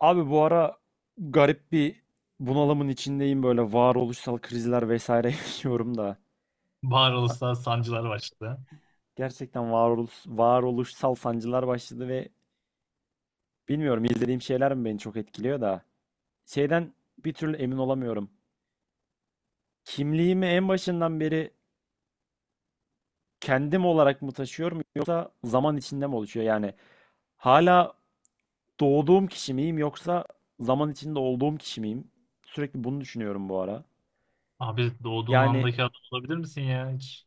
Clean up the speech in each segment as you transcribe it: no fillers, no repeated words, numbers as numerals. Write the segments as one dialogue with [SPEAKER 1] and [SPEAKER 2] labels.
[SPEAKER 1] Abi bu ara garip bir bunalımın içindeyim böyle varoluşsal krizler vesaire yaşıyorum da.
[SPEAKER 2] Bağır Uluslararası Sancılar başladı.
[SPEAKER 1] Gerçekten varoluşsal sancılar başladı ve bilmiyorum izlediğim şeyler mi beni çok etkiliyor da. Şeyden bir türlü emin olamıyorum. Kimliğimi en başından beri kendim olarak mı taşıyorum yoksa zaman içinde mi oluşuyor? Yani hala doğduğum kişi miyim yoksa zaman içinde olduğum kişi miyim? Sürekli bunu düşünüyorum bu ara.
[SPEAKER 2] Abi doğduğun
[SPEAKER 1] Yani
[SPEAKER 2] andaki adam olabilir misin ya hiç?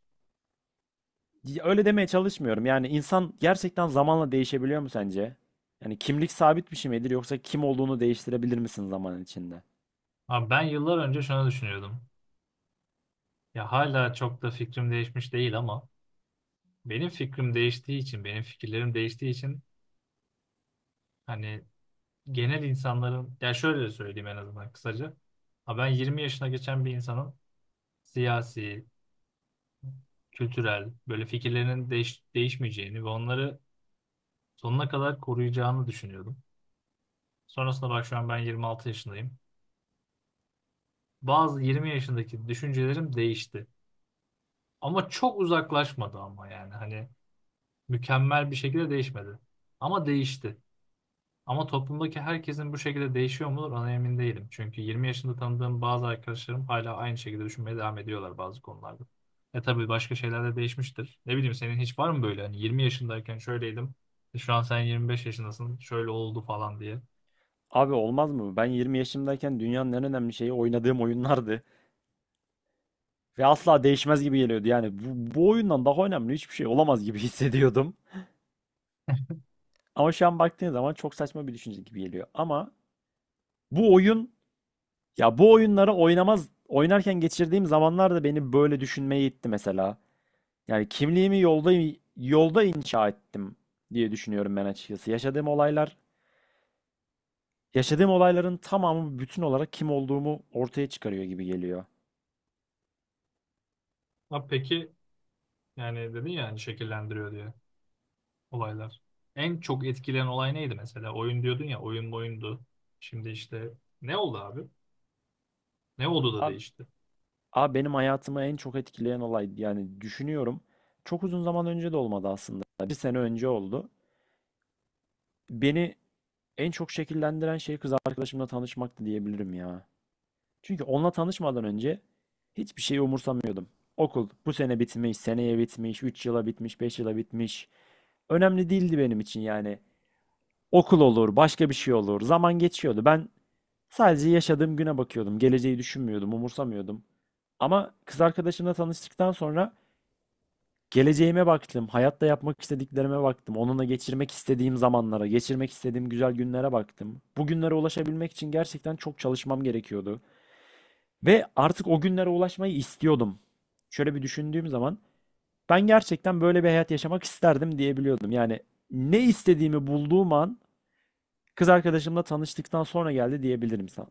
[SPEAKER 1] ya, öyle demeye çalışmıyorum. Yani insan gerçekten zamanla değişebiliyor mu sence? Yani kimlik sabit bir şey midir yoksa kim olduğunu değiştirebilir misin zaman içinde?
[SPEAKER 2] Abi ben yıllar önce şunu düşünüyordum. Ya hala çok da fikrim değişmiş değil ama benim fikirlerim değiştiği için hani genel insanların, ya şöyle söyleyeyim en azından kısaca. Ha ben 20 yaşına geçen bir insanın siyasi, kültürel, böyle fikirlerinin değişmeyeceğini ve onları sonuna kadar koruyacağını düşünüyordum. Sonrasında bak şu an ben 26 yaşındayım. Bazı 20 yaşındaki düşüncelerim değişti. Ama çok uzaklaşmadı, ama yani hani mükemmel bir şekilde değişmedi. Ama değişti. Ama toplumdaki herkesin bu şekilde değişiyor mudur, ona emin değilim. Çünkü 20 yaşında tanıdığım bazı arkadaşlarım hala aynı şekilde düşünmeye devam ediyorlar bazı konularda. E tabii başka şeyler de değişmiştir. Ne bileyim, senin hiç var mı böyle hani 20 yaşındayken şöyleydim. Şu an sen 25 yaşındasın. Şöyle oldu falan diye.
[SPEAKER 1] Abi olmaz mı? Ben 20 yaşımdayken dünyanın en önemli şeyi oynadığım oyunlardı. Ve asla değişmez gibi geliyordu. Yani bu oyundan daha önemli hiçbir şey olamaz gibi hissediyordum. Ama şu an baktığın zaman çok saçma bir düşünce gibi geliyor. Ama bu oyun, ya bu oyunları oynarken geçirdiğim zamanlar da beni böyle düşünmeye itti mesela. Yani kimliğimi yolda inşa ettim diye düşünüyorum ben açıkçası. Yaşadığım olaylar, yaşadığım olayların tamamı bütün olarak kim olduğumu ortaya çıkarıyor gibi geliyor.
[SPEAKER 2] Ha peki, yani dedin ya hani şekillendiriyor diye. Olaylar. En çok etkileyen olay neydi mesela? Oyun diyordun ya, oyun oyundu. Şimdi işte ne oldu abi? Ne oldu da
[SPEAKER 1] Abi,
[SPEAKER 2] değişti?
[SPEAKER 1] abi, benim hayatımı en çok etkileyen olay yani düşünüyorum. Çok uzun zaman önce de olmadı aslında. Bir sene önce oldu. Beni en çok şekillendiren şey kız arkadaşımla tanışmaktı diyebilirim ya. Çünkü onunla tanışmadan önce hiçbir şeyi umursamıyordum. Okul bu sene bitmiş, seneye bitmiş, 3 yıla bitmiş, 5 yıla bitmiş. Önemli değildi benim için yani. Okul olur, başka bir şey olur. Zaman geçiyordu. Ben sadece yaşadığım güne bakıyordum. Geleceği düşünmüyordum, umursamıyordum. Ama kız arkadaşımla tanıştıktan sonra geleceğime baktım, hayatta yapmak istediklerime baktım, onunla geçirmek istediğim zamanlara, geçirmek istediğim güzel günlere baktım. Bu günlere ulaşabilmek için gerçekten çok çalışmam gerekiyordu. Ve artık o günlere ulaşmayı istiyordum. Şöyle bir düşündüğüm zaman ben gerçekten böyle bir hayat yaşamak isterdim diyebiliyordum. Yani ne istediğimi bulduğum an kız arkadaşımla tanıştıktan sonra geldi diyebilirim sana.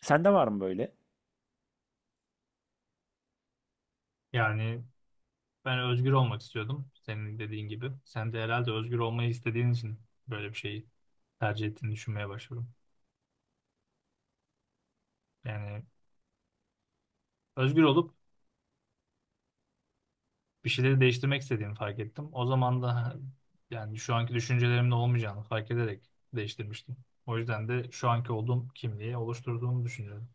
[SPEAKER 1] Sende var mı böyle?
[SPEAKER 2] Yani ben özgür olmak istiyordum senin dediğin gibi. Sen de herhalde özgür olmayı istediğin için böyle bir şeyi tercih ettiğini düşünmeye başladım. Yani özgür olup bir şeyleri değiştirmek istediğimi fark ettim. O zaman da yani şu anki düşüncelerimde olmayacağını fark ederek değiştirmiştim. O yüzden de şu anki olduğum kimliği oluşturduğumu düşünüyorum.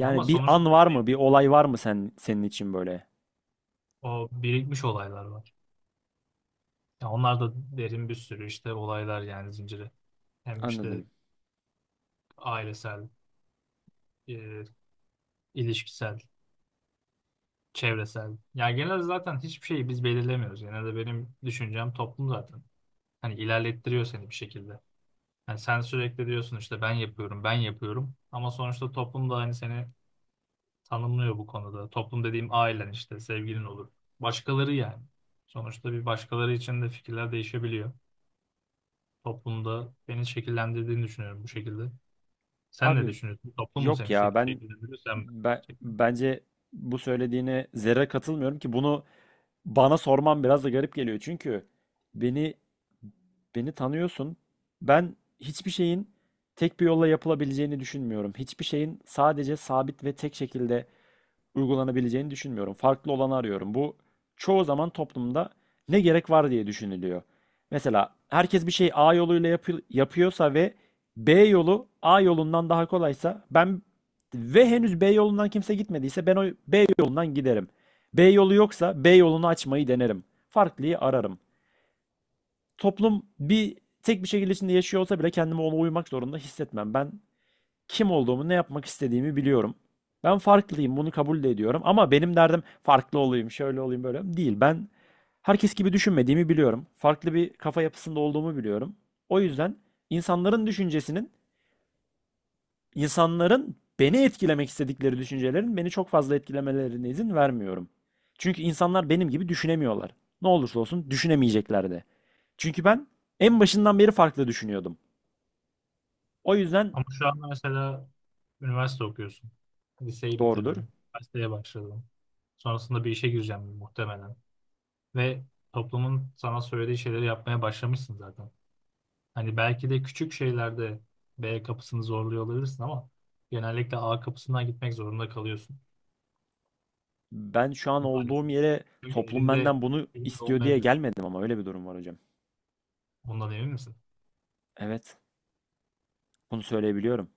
[SPEAKER 2] Ya, ama
[SPEAKER 1] bir
[SPEAKER 2] sonuçta
[SPEAKER 1] an var mı? Bir olay var mı sen senin için böyle?
[SPEAKER 2] o birikmiş olaylar var. Ya onlar da derin bir sürü işte olaylar yani zinciri. Hem işte
[SPEAKER 1] Anladım.
[SPEAKER 2] ailesel, e, ilişkisel, çevresel. Ya genelde zaten hiçbir şeyi biz belirlemiyoruz. Genelde benim düşüncem toplum zaten. Hani ilerlettiriyor seni bir şekilde. Yani sen sürekli diyorsun işte ben yapıyorum, ben yapıyorum. Ama sonuçta toplum da hani seni tanımlıyor bu konuda. Toplum dediğim ailen işte, sevgilin olur. Başkaları yani. Sonuçta bir başkaları için de fikirler değişebiliyor. Toplumda beni şekillendirdiğini düşünüyorum bu şekilde. Sen ne
[SPEAKER 1] Abi
[SPEAKER 2] düşünüyorsun? Toplum mu
[SPEAKER 1] yok
[SPEAKER 2] seni
[SPEAKER 1] ya
[SPEAKER 2] şek-
[SPEAKER 1] ben,
[SPEAKER 2] şekillendiriyor, sen mi?
[SPEAKER 1] ben
[SPEAKER 2] Şekil-
[SPEAKER 1] bence bu söylediğine zerre katılmıyorum ki bunu bana sorman biraz da garip geliyor çünkü beni beni tanıyorsun. Ben hiçbir şeyin tek bir yolla yapılabileceğini düşünmüyorum. Hiçbir şeyin sadece sabit ve tek şekilde uygulanabileceğini düşünmüyorum. Farklı olanı arıyorum. Bu çoğu zaman toplumda ne gerek var diye düşünülüyor. Mesela herkes bir şey A yoluyla yapıyorsa ve B yolu A yolundan daha kolaysa ve henüz B yolundan kimse gitmediyse ben o B yolundan giderim. B yolu yoksa B yolunu açmayı denerim. Farklıyı ararım. Toplum tek bir şekilde içinde yaşıyor olsa bile kendimi ona uymak zorunda hissetmem. Ben kim olduğumu, ne yapmak istediğimi biliyorum. Ben farklıyım, bunu kabul de ediyorum. Ama benim derdim farklı olayım, şöyle olayım, böyle değil. Ben herkes gibi düşünmediğimi biliyorum. Farklı bir kafa yapısında olduğumu biliyorum. O yüzden insanların düşüncesinin, insanların beni etkilemek istedikleri düşüncelerin beni çok fazla etkilemelerine izin vermiyorum. Çünkü insanlar benim gibi düşünemiyorlar. Ne olursa olsun düşünemeyecekler de. Çünkü ben en başından beri farklı düşünüyordum. O yüzden
[SPEAKER 2] Ama şu an mesela üniversite okuyorsun. Liseyi
[SPEAKER 1] doğrudur.
[SPEAKER 2] bitirdin. Üniversiteye başladın. Sonrasında bir işe gireceğim muhtemelen. Ve toplumun sana söylediği şeyleri yapmaya başlamışsın zaten. Hani belki de küçük şeylerde B kapısını zorluyor olabilirsin ama genellikle A kapısından gitmek zorunda kalıyorsun
[SPEAKER 1] Ben şu an olduğum
[SPEAKER 2] maalesef.
[SPEAKER 1] yere
[SPEAKER 2] Çünkü
[SPEAKER 1] toplum
[SPEAKER 2] elinde
[SPEAKER 1] benden bunu
[SPEAKER 2] elinde
[SPEAKER 1] istiyor diye
[SPEAKER 2] olmayabilir.
[SPEAKER 1] gelmedim ama öyle bir durum var hocam.
[SPEAKER 2] Ondan emin misin?
[SPEAKER 1] Evet, bunu söyleyebiliyorum.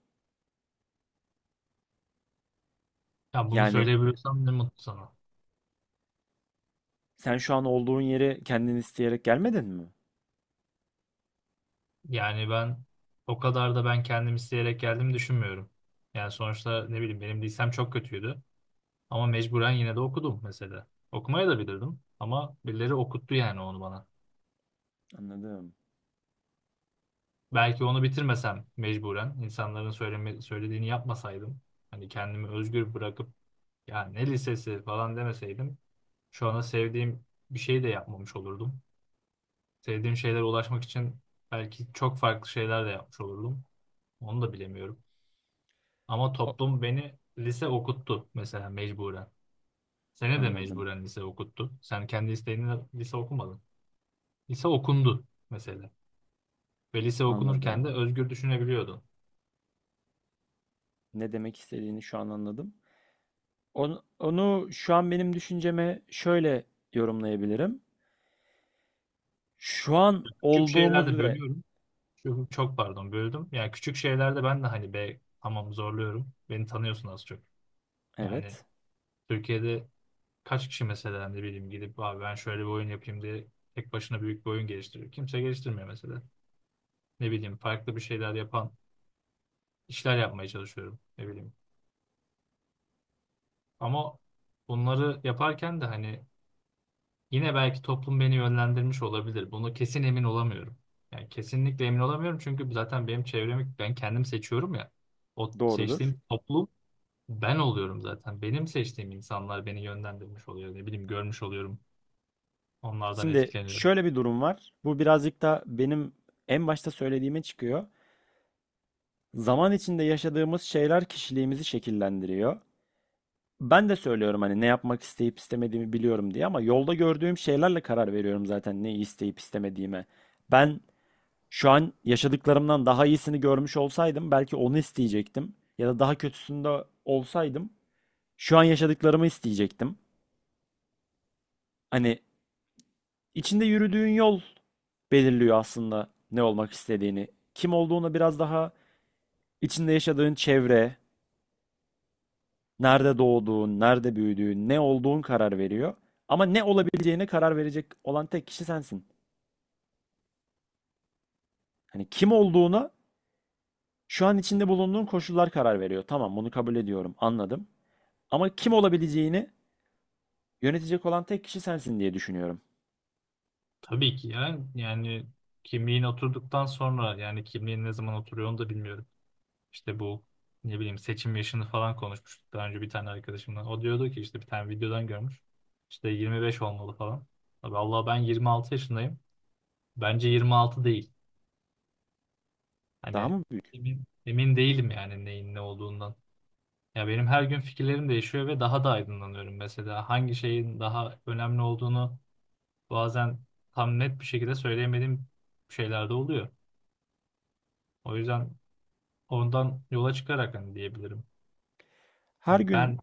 [SPEAKER 2] Ya bunu
[SPEAKER 1] Yani
[SPEAKER 2] söyleyebiliyorsam ne mutlu sana.
[SPEAKER 1] sen şu an olduğun yeri kendin isteyerek gelmedin mi?
[SPEAKER 2] Yani ben o kadar da kendim isteyerek geldiğimi düşünmüyorum. Yani sonuçta ne bileyim benim lisem çok kötüydü. Ama mecburen yine de okudum mesela. Okumaya da bilirdim ama birileri okuttu yani onu bana.
[SPEAKER 1] Anladım.
[SPEAKER 2] Belki onu bitirmesem, mecburen insanların söylediğini yapmasaydım. Hani kendimi özgür bırakıp ya ne lisesi falan demeseydim. Şu ana sevdiğim bir şey de yapmamış olurdum. Sevdiğim şeylere ulaşmak için belki çok farklı şeyler de yapmış olurdum. Onu da bilemiyorum. Ama
[SPEAKER 1] O-
[SPEAKER 2] toplum beni lise okuttu mesela mecburen. Seni de
[SPEAKER 1] anladım.
[SPEAKER 2] mecburen lise okuttu. Sen kendi isteğinle lise okumadın. Lise okundu mesela. Ve lise okunurken de
[SPEAKER 1] Anladım.
[SPEAKER 2] özgür düşünebiliyordun.
[SPEAKER 1] Ne demek istediğini şu an anladım. Onu şu an benim düşünceme şöyle yorumlayabilirim. Şu an
[SPEAKER 2] Küçük
[SPEAKER 1] olduğumuz
[SPEAKER 2] şeylerde
[SPEAKER 1] ve
[SPEAKER 2] bölüyorum. Çok, çok Pardon böldüm. Yani küçük şeylerde ben de hani be tamam zorluyorum. Beni tanıyorsun az çok. Yani
[SPEAKER 1] evet,
[SPEAKER 2] Türkiye'de kaç kişi mesela, ne bileyim, gidip abi ben şöyle bir oyun yapayım diye tek başına büyük bir oyun geliştiriyor. Kimse geliştirmiyor mesela. Ne bileyim, farklı bir şeyler yapan işler yapmaya çalışıyorum, ne bileyim. Ama bunları yaparken de hani yine belki toplum beni yönlendirmiş olabilir. Bunu kesin emin olamıyorum. Yani kesinlikle emin olamıyorum çünkü zaten benim çevremi ben kendim seçiyorum ya. O
[SPEAKER 1] doğrudur.
[SPEAKER 2] seçtiğim toplum ben oluyorum zaten. Benim seçtiğim insanlar beni yönlendirmiş oluyor. Ne bileyim görmüş oluyorum. Onlardan
[SPEAKER 1] Şimdi
[SPEAKER 2] etkileniyorum.
[SPEAKER 1] şöyle bir durum var. Bu birazcık da benim en başta söylediğime çıkıyor. Zaman içinde yaşadığımız şeyler kişiliğimizi şekillendiriyor. Ben de söylüyorum hani ne yapmak isteyip istemediğimi biliyorum diye ama yolda gördüğüm şeylerle karar veriyorum zaten neyi isteyip istemediğime. Ben şu an yaşadıklarımdan daha iyisini görmüş olsaydım belki onu isteyecektim ya da daha kötüsünde olsaydım şu an yaşadıklarımı isteyecektim. Hani içinde yürüdüğün yol belirliyor aslında ne olmak istediğini. Kim olduğunu biraz daha içinde yaşadığın çevre, nerede doğduğun, nerede büyüdüğün, ne olduğun karar veriyor. Ama ne olabileceğine karar verecek olan tek kişi sensin. Hani kim olduğuna şu an içinde bulunduğun koşullar karar veriyor. Tamam, bunu kabul ediyorum, anladım. Ama kim olabileceğini yönetecek olan tek kişi sensin diye düşünüyorum.
[SPEAKER 2] Tabii ki ya, yani kimliğin oturduktan sonra, yani kimliğin ne zaman oturuyor onu da bilmiyorum. İşte bu, ne bileyim, seçim yaşını falan konuşmuştuk daha önce bir tane arkadaşımla. O diyordu ki işte bir tane videodan görmüş. İşte 25 olmalı falan. Abi Allah ben 26 yaşındayım. Bence 26 değil.
[SPEAKER 1] Daha
[SPEAKER 2] Hani
[SPEAKER 1] mı büyük?
[SPEAKER 2] emin değilim yani neyin ne olduğundan. Ya benim her gün fikirlerim değişiyor ve daha da aydınlanıyorum mesela. Hangi şeyin daha önemli olduğunu bazen tam net bir şekilde söyleyemediğim şeyler de oluyor. O yüzden ondan yola çıkarak hani diyebilirim.
[SPEAKER 1] Her
[SPEAKER 2] Hani
[SPEAKER 1] gün
[SPEAKER 2] ben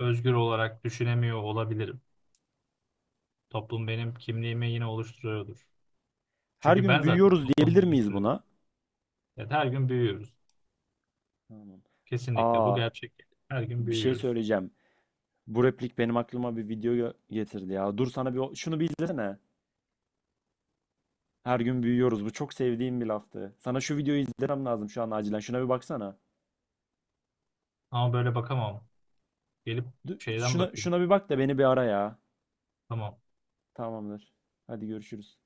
[SPEAKER 2] özgür olarak düşünemiyor olabilirim. Toplum benim kimliğimi yine oluşturuyordur.
[SPEAKER 1] her
[SPEAKER 2] Çünkü
[SPEAKER 1] gün
[SPEAKER 2] ben zaten
[SPEAKER 1] büyüyoruz diyebilir
[SPEAKER 2] toplumu
[SPEAKER 1] miyiz
[SPEAKER 2] oluşturuyorum.
[SPEAKER 1] buna?
[SPEAKER 2] Yani her gün büyüyoruz.
[SPEAKER 1] Tamam.
[SPEAKER 2] Kesinlikle bu
[SPEAKER 1] Aa,
[SPEAKER 2] gerçek. Her gün
[SPEAKER 1] bir şey
[SPEAKER 2] büyüyoruz.
[SPEAKER 1] söyleyeceğim. Bu replik benim aklıma bir video getirdi ya. Dur sana bir şunu bir izlesene. Her gün büyüyoruz. Bu çok sevdiğim bir laftı. Sana şu videoyu izlemem lazım şu an acilen. Şuna bir baksana.
[SPEAKER 2] Ama böyle bakamam. Gelip şeyden
[SPEAKER 1] Şuna,
[SPEAKER 2] bakayım.
[SPEAKER 1] şuna bir bak da beni bir ara ya.
[SPEAKER 2] Tamam.
[SPEAKER 1] Tamamdır. Hadi görüşürüz.